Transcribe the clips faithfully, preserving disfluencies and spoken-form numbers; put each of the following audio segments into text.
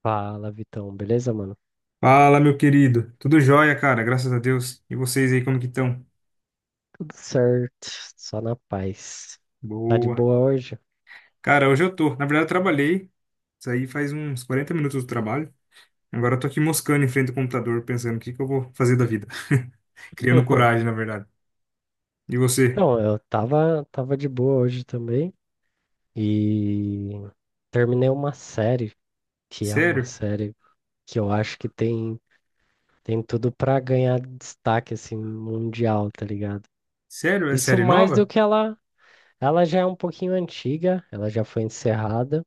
Fala, Vitão. Beleza, mano? Fala, meu querido. Tudo jóia, cara, graças a Deus. E vocês aí, como que estão? Tudo certo, só na paz. Tá de Boa. boa hoje? Cara, hoje eu tô. Na verdade, eu trabalhei. Isso aí faz uns quarenta minutos do trabalho. Agora eu tô aqui moscando em frente ao computador, pensando o que que eu vou fazer da vida. Criando coragem, na verdade. E você? Então, eu tava, tava de boa hoje também e terminei uma série, que é uma Sério? série que eu acho que tem, tem tudo pra ganhar destaque, assim, mundial, tá ligado? Sério? É Isso série mais do nova? que ela, ela já é um pouquinho antiga, ela já foi encerrada.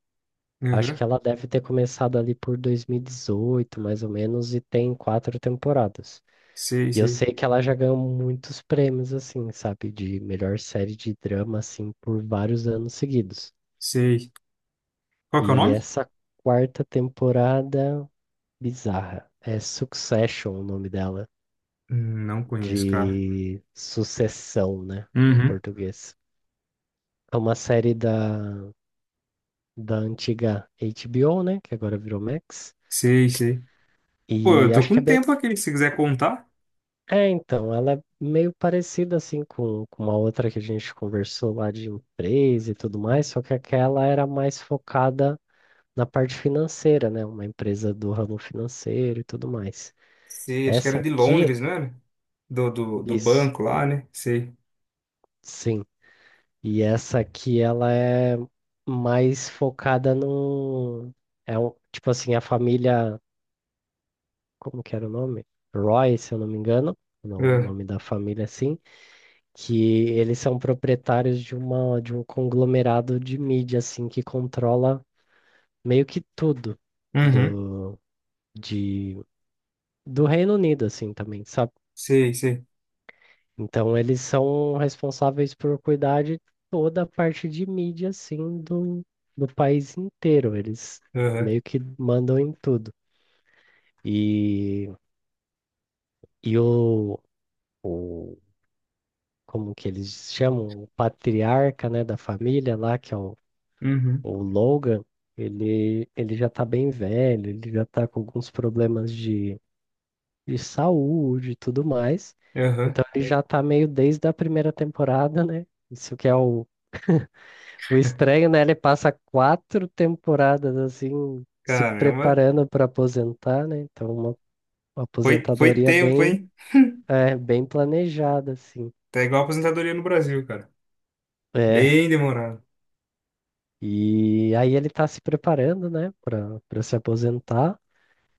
Acho Aham. que ela deve ter começado ali por dois mil e dezoito mais ou menos, e tem quatro temporadas. Sei, E eu sei. sei que ela já ganhou muitos prêmios, assim, sabe? De melhor série de drama, assim, por vários anos seguidos. Sei. Qual que é o E nome? essa quarta temporada, bizarra. É Succession o nome dela, Hum, Não conheço, cara. de sucessão, né? Em Uhum. português. É uma série da, da antiga H B O, né? Que agora virou Max. Sei, sei. Pô, eu E tô acho que é com bem. tempo aqui, se quiser contar. É, então, ela é meio parecida assim com, com uma outra que a gente conversou lá de empresa e tudo mais, só que aquela era mais focada na parte financeira, né? Uma empresa do ramo financeiro e tudo mais. Sei, acho que Essa era de aqui, Londres, não era? Do, do, do isso, banco lá, né? Sei. sim. E essa aqui, ela é mais focada no, é um, tipo assim, a família, como que era o nome? Roy, se eu não me engano, no- o Ah, nome da família, assim. Que eles são proprietários de uma de um conglomerado de mídia assim que controla meio que tudo uhum. do de do Reino Unido assim também, sabe? Sei, sei. Então eles são responsáveis por cuidar de toda a parte de mídia assim do do país inteiro. Eles Aham. meio que mandam em tudo. E e o, o Como que eles chamam? O patriarca, né, da família lá, que é o Uhum. o Logan. Ele, ele já tá bem velho, ele já tá com alguns problemas de, de saúde e tudo mais. Aham. Então ele já tá meio desde a primeira temporada, né? Isso que é o, o estranho, né? Ele passa quatro temporadas assim, se Caramba. preparando para aposentar, né? Então uma, uma Foi, foi aposentadoria tempo, bem, hein? é, bem planejada, assim. Tá igual a aposentadoria no Brasil, cara. É. Bem demorado. E aí ele tá se preparando, né, para para se aposentar.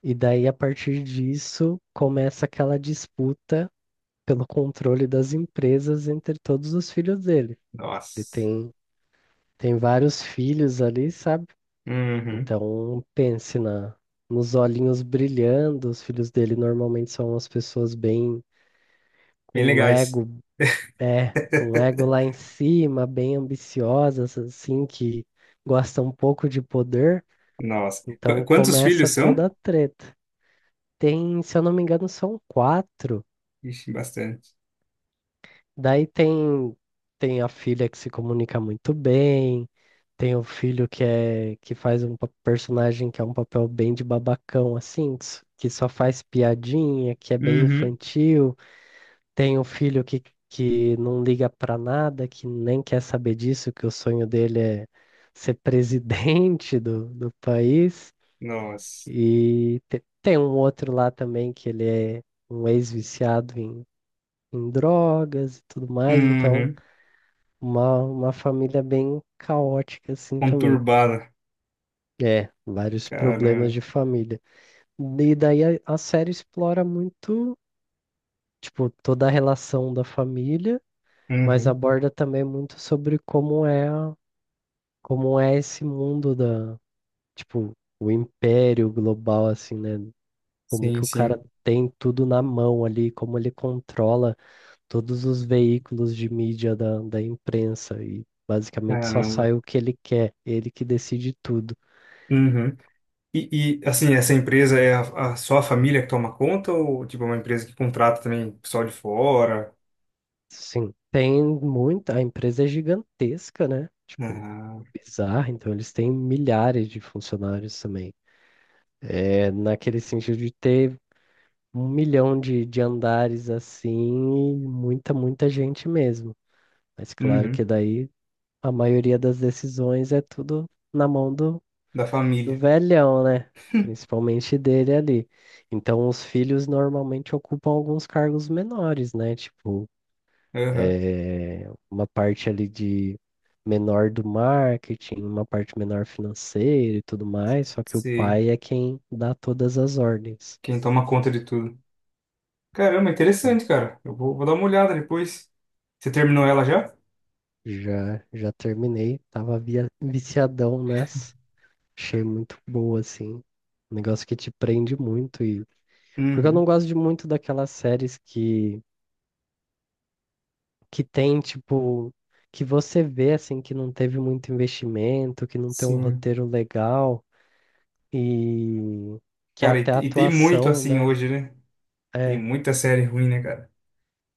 E daí, a partir disso, começa aquela disputa pelo controle das empresas entre todos os filhos dele. Ele Nossa. tem, Tem vários filhos ali, sabe? Uhum. Então, pense na, nos olhinhos brilhando. Os filhos dele normalmente são umas pessoas bem Bem com legais. ego, é, com ego lá em cima, bem ambiciosas, assim, que gostam um pouco de poder. Nossa. Qu- Então, Quantos filhos começa são? toda a treta. Tem, se eu não me engano, são quatro. Ixi, bastante. Daí tem, Tem a filha que se comunica muito bem, tem o filho que é que faz um pa- personagem que é um papel bem de babacão, assim, que s- que só faz piadinha, que é bem Uhum. infantil, tem o filho que, que não liga pra nada, que nem quer saber disso, que o sonho dele é ser presidente do, do país, Nossa. e te- tem um outro lá também que ele é um ex-viciado em, em drogas e tudo mais, então. Uhum. Uma, uma família bem caótica, assim, também. Conturbada. É, vários problemas Caramba. de família. E daí a, a série explora muito, tipo, toda a relação da família, mas Uhum. aborda também muito sobre como é, a- como é esse mundo da, tipo, o império global, assim, né? Como Sim, que o cara sim. tem tudo na mão ali, como ele controla todos os veículos de mídia da, da imprensa e basicamente só sai Caramba. o que ele quer, ele que decide tudo. Uhum. E, e, assim, essa empresa é a, a- só a família que toma conta ou tipo é uma empresa que contrata também pessoal de fora? Sim, tem muita, a empresa é gigantesca, né? Tipo, Ah, bizarra, então eles têm milhares de funcionários também. É naquele sentido de ter um milhão de, de andares assim, e muita, muita gente mesmo. Mas claro que uhum, daí a maioria das decisões é tudo na mão do, da do família. velhão, né? Principalmente dele ali. Então os filhos normalmente ocupam alguns cargos menores, né? Tipo, Aham. eh, uma parte ali de menor do marketing, uma parte menor financeira e tudo mais, só que o Sei. pai é quem dá todas as ordens. Quem toma conta de tudo. Caramba, Sim. interessante, cara. Eu vou, vou dar uma olhada depois. Você terminou ela já? Já, já terminei, tava via- viciadão nessa, achei muito boa, assim, um negócio que te prende muito, e porque eu não Uhum. gosto de muito daquelas séries que, que tem, tipo, que você vê, assim, que não teve muito investimento, que não tem um Sim. roteiro legal. E que Cara, e, até a te- e tem muito atuação, assim né? hoje, né? Tem É. muita série ruim, né, cara?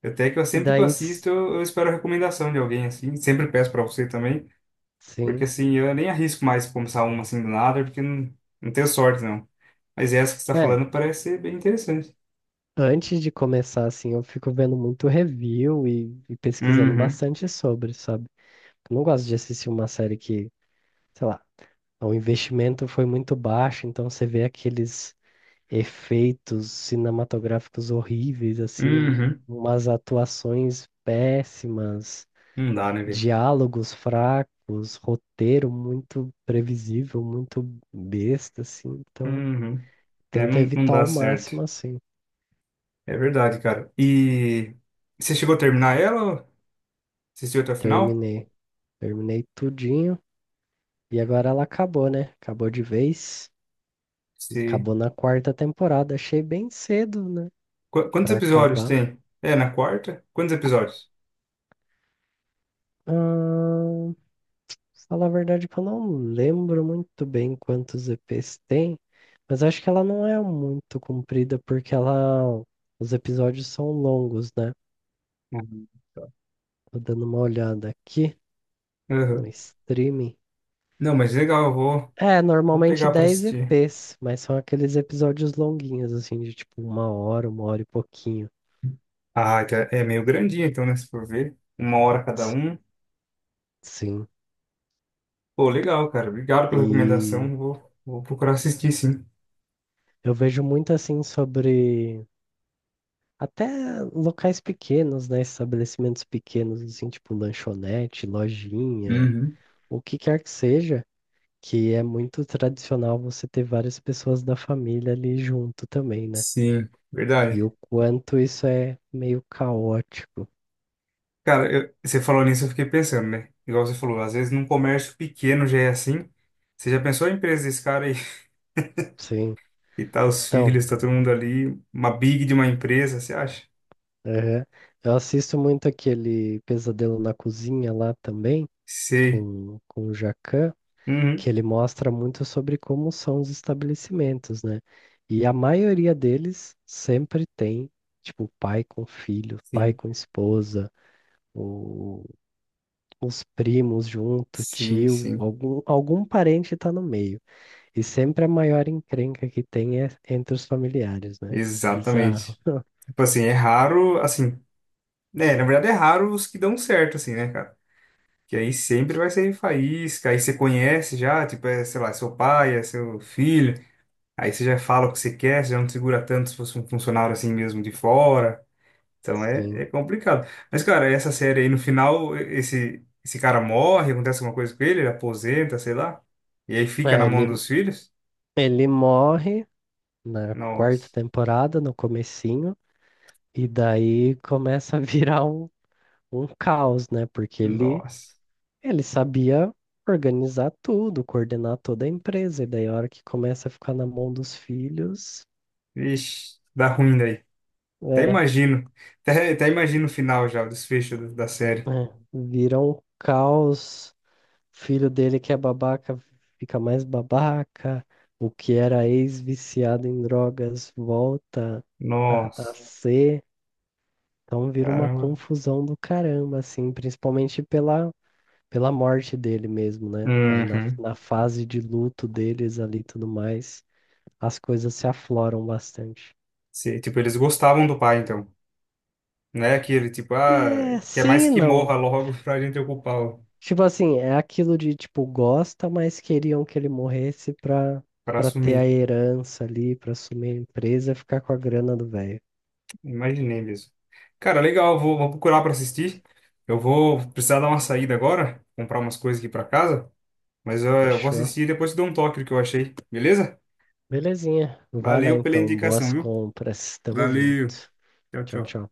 Até que eu sempre que eu Daí, s- assisto, eu, eu espero a recomendação de alguém assim. Sempre peço pra você também. Porque sim. assim, eu nem arrisco mais começar uma assim do nada, porque não, não tenho sorte, não. Mas essa que você está É, falando parece ser bem interessante. antes de começar, assim, eu fico vendo muito review e, e pesquisando Uhum, bastante sobre, sabe? Eu não gosto de assistir uma série que, sei lá, o investimento foi muito baixo, então você vê aqueles efeitos cinematográficos horríveis, assim, um- uhum. umas atuações péssimas. Não dá, né, velho? Diálogos fracos, roteiro muito previsível, muito besta, assim. Então, Uhum. É, não, tenta não evitar dá ao certo. máximo, assim. É verdade, cara. E você chegou a terminar ela? Ou assistiu até o final? Terminei. Terminei tudinho. E agora ela acabou, né? Acabou de vez. Se... Acabou na quarta temporada. Achei bem cedo, né? Qu- Quantos Pra episódios acabar. tem? É, na quarta? Quantos episódios? Ah, falar a verdade que eu não lembro muito bem quantos E Pês tem. Mas acho que ela não é muito comprida porque ela. Os episódios são longos, né? Uhum. Tô dando uma olhada aqui no Aham. streaming. Não, mas legal, eu vou, É, vou normalmente pegar pra dez assistir. E Pês, mas são aqueles episódios longuinhos, assim, de tipo uma hora, uma hora e pouquinho. Ah, que é é meio grandinho, então, né? Se for ver, uma hora cada S- um. Sim. Pô, legal, cara. Obrigado pela E recomendação. Vou, vou procurar assistir, sim. eu vejo muito assim sobre até locais pequenos, né? Estabelecimentos pequenos, assim, tipo lanchonete, lojinha, Uhum. o que quer que seja, que é muito tradicional você ter várias pessoas da família ali junto também, né? Sim, E verdade. o quanto isso é meio caótico. Cara, eu- você falou nisso, eu fiquei pensando, né? Igual você falou, às vezes num comércio pequeno já é assim. Você já pensou a empresa desse cara aí? Sim. E tá os Então, filhos, tá todo mundo ali. Uma big de uma empresa, você acha? aham. Eu assisto muito aquele Pesadelo na Cozinha lá também, Sei. com, com o Jacquin, que Uhum. ele mostra muito sobre como são os estabelecimentos, né? E a maioria deles sempre tem, tipo, pai com filho, pai Sim, com esposa, o- os primos junto, sim, tio, sim. algum, algum parente tá no meio. E sempre a maior encrenca que tem é entre os familiares, né? Bizarro. Exatamente. Tipo assim, é raro, assim, né? Na verdade é raro os que dão certo, assim, né, cara? Que aí sempre vai ser faísca, aí você conhece já, tipo, é, sei lá, seu pai, é seu filho, aí você já fala o que você quer, você já não segura tanto se fosse um funcionário assim mesmo de fora. Então é, Sim. é complicado. Mas, cara, essa série aí, no final, e- esse, esse cara morre, acontece alguma coisa com ele, ele aposenta, sei lá, e aí fica na É, mão ele. dos filhos. Ele morre na quarta Nossa, temporada, no comecinho, e daí começa a virar um, um caos, né? Porque ele, nossa, ele sabia organizar tudo, coordenar toda a empresa, e daí a hora que começa a ficar na mão dos filhos, vixe, dá ruim daí. Até é, imagino, até, até imagino o final já, o desfecho do- da série. é, vira um caos. Filho dele que é babaca fica mais babaca, o que era ex-viciado em drogas volta a, a Nossa, ser. Então vira uma caramba. confusão do caramba, assim, principalmente pela, pela morte dele mesmo, né? Aí na, Uhum. na fase de luto deles ali e tudo mais, as coisas se afloram bastante. Se, tipo, eles gostavam do pai, então. Não é aquele, tipo, ah, É, quer mais sim e que morra não. logo pra gente ocupar, o- Tipo assim, é aquilo de, tipo, gosta, mas queriam que ele morresse pra, pra pra ter a assumir. herança ali, pra assumir a empresa e ficar com a grana do velho. Imaginei mesmo. Cara, legal, vou, vou procurar pra assistir. Eu vou precisar dar uma saída agora, comprar umas coisas aqui pra casa, mas eu, eu vou Fechou. assistir e depois te dou um toque do que eu achei, beleza? Belezinha. Vai lá Valeu pela então. indicação, Boas viu? compras. Tamo Valeu. junto. Tchau, Tchau, tchau. tchau.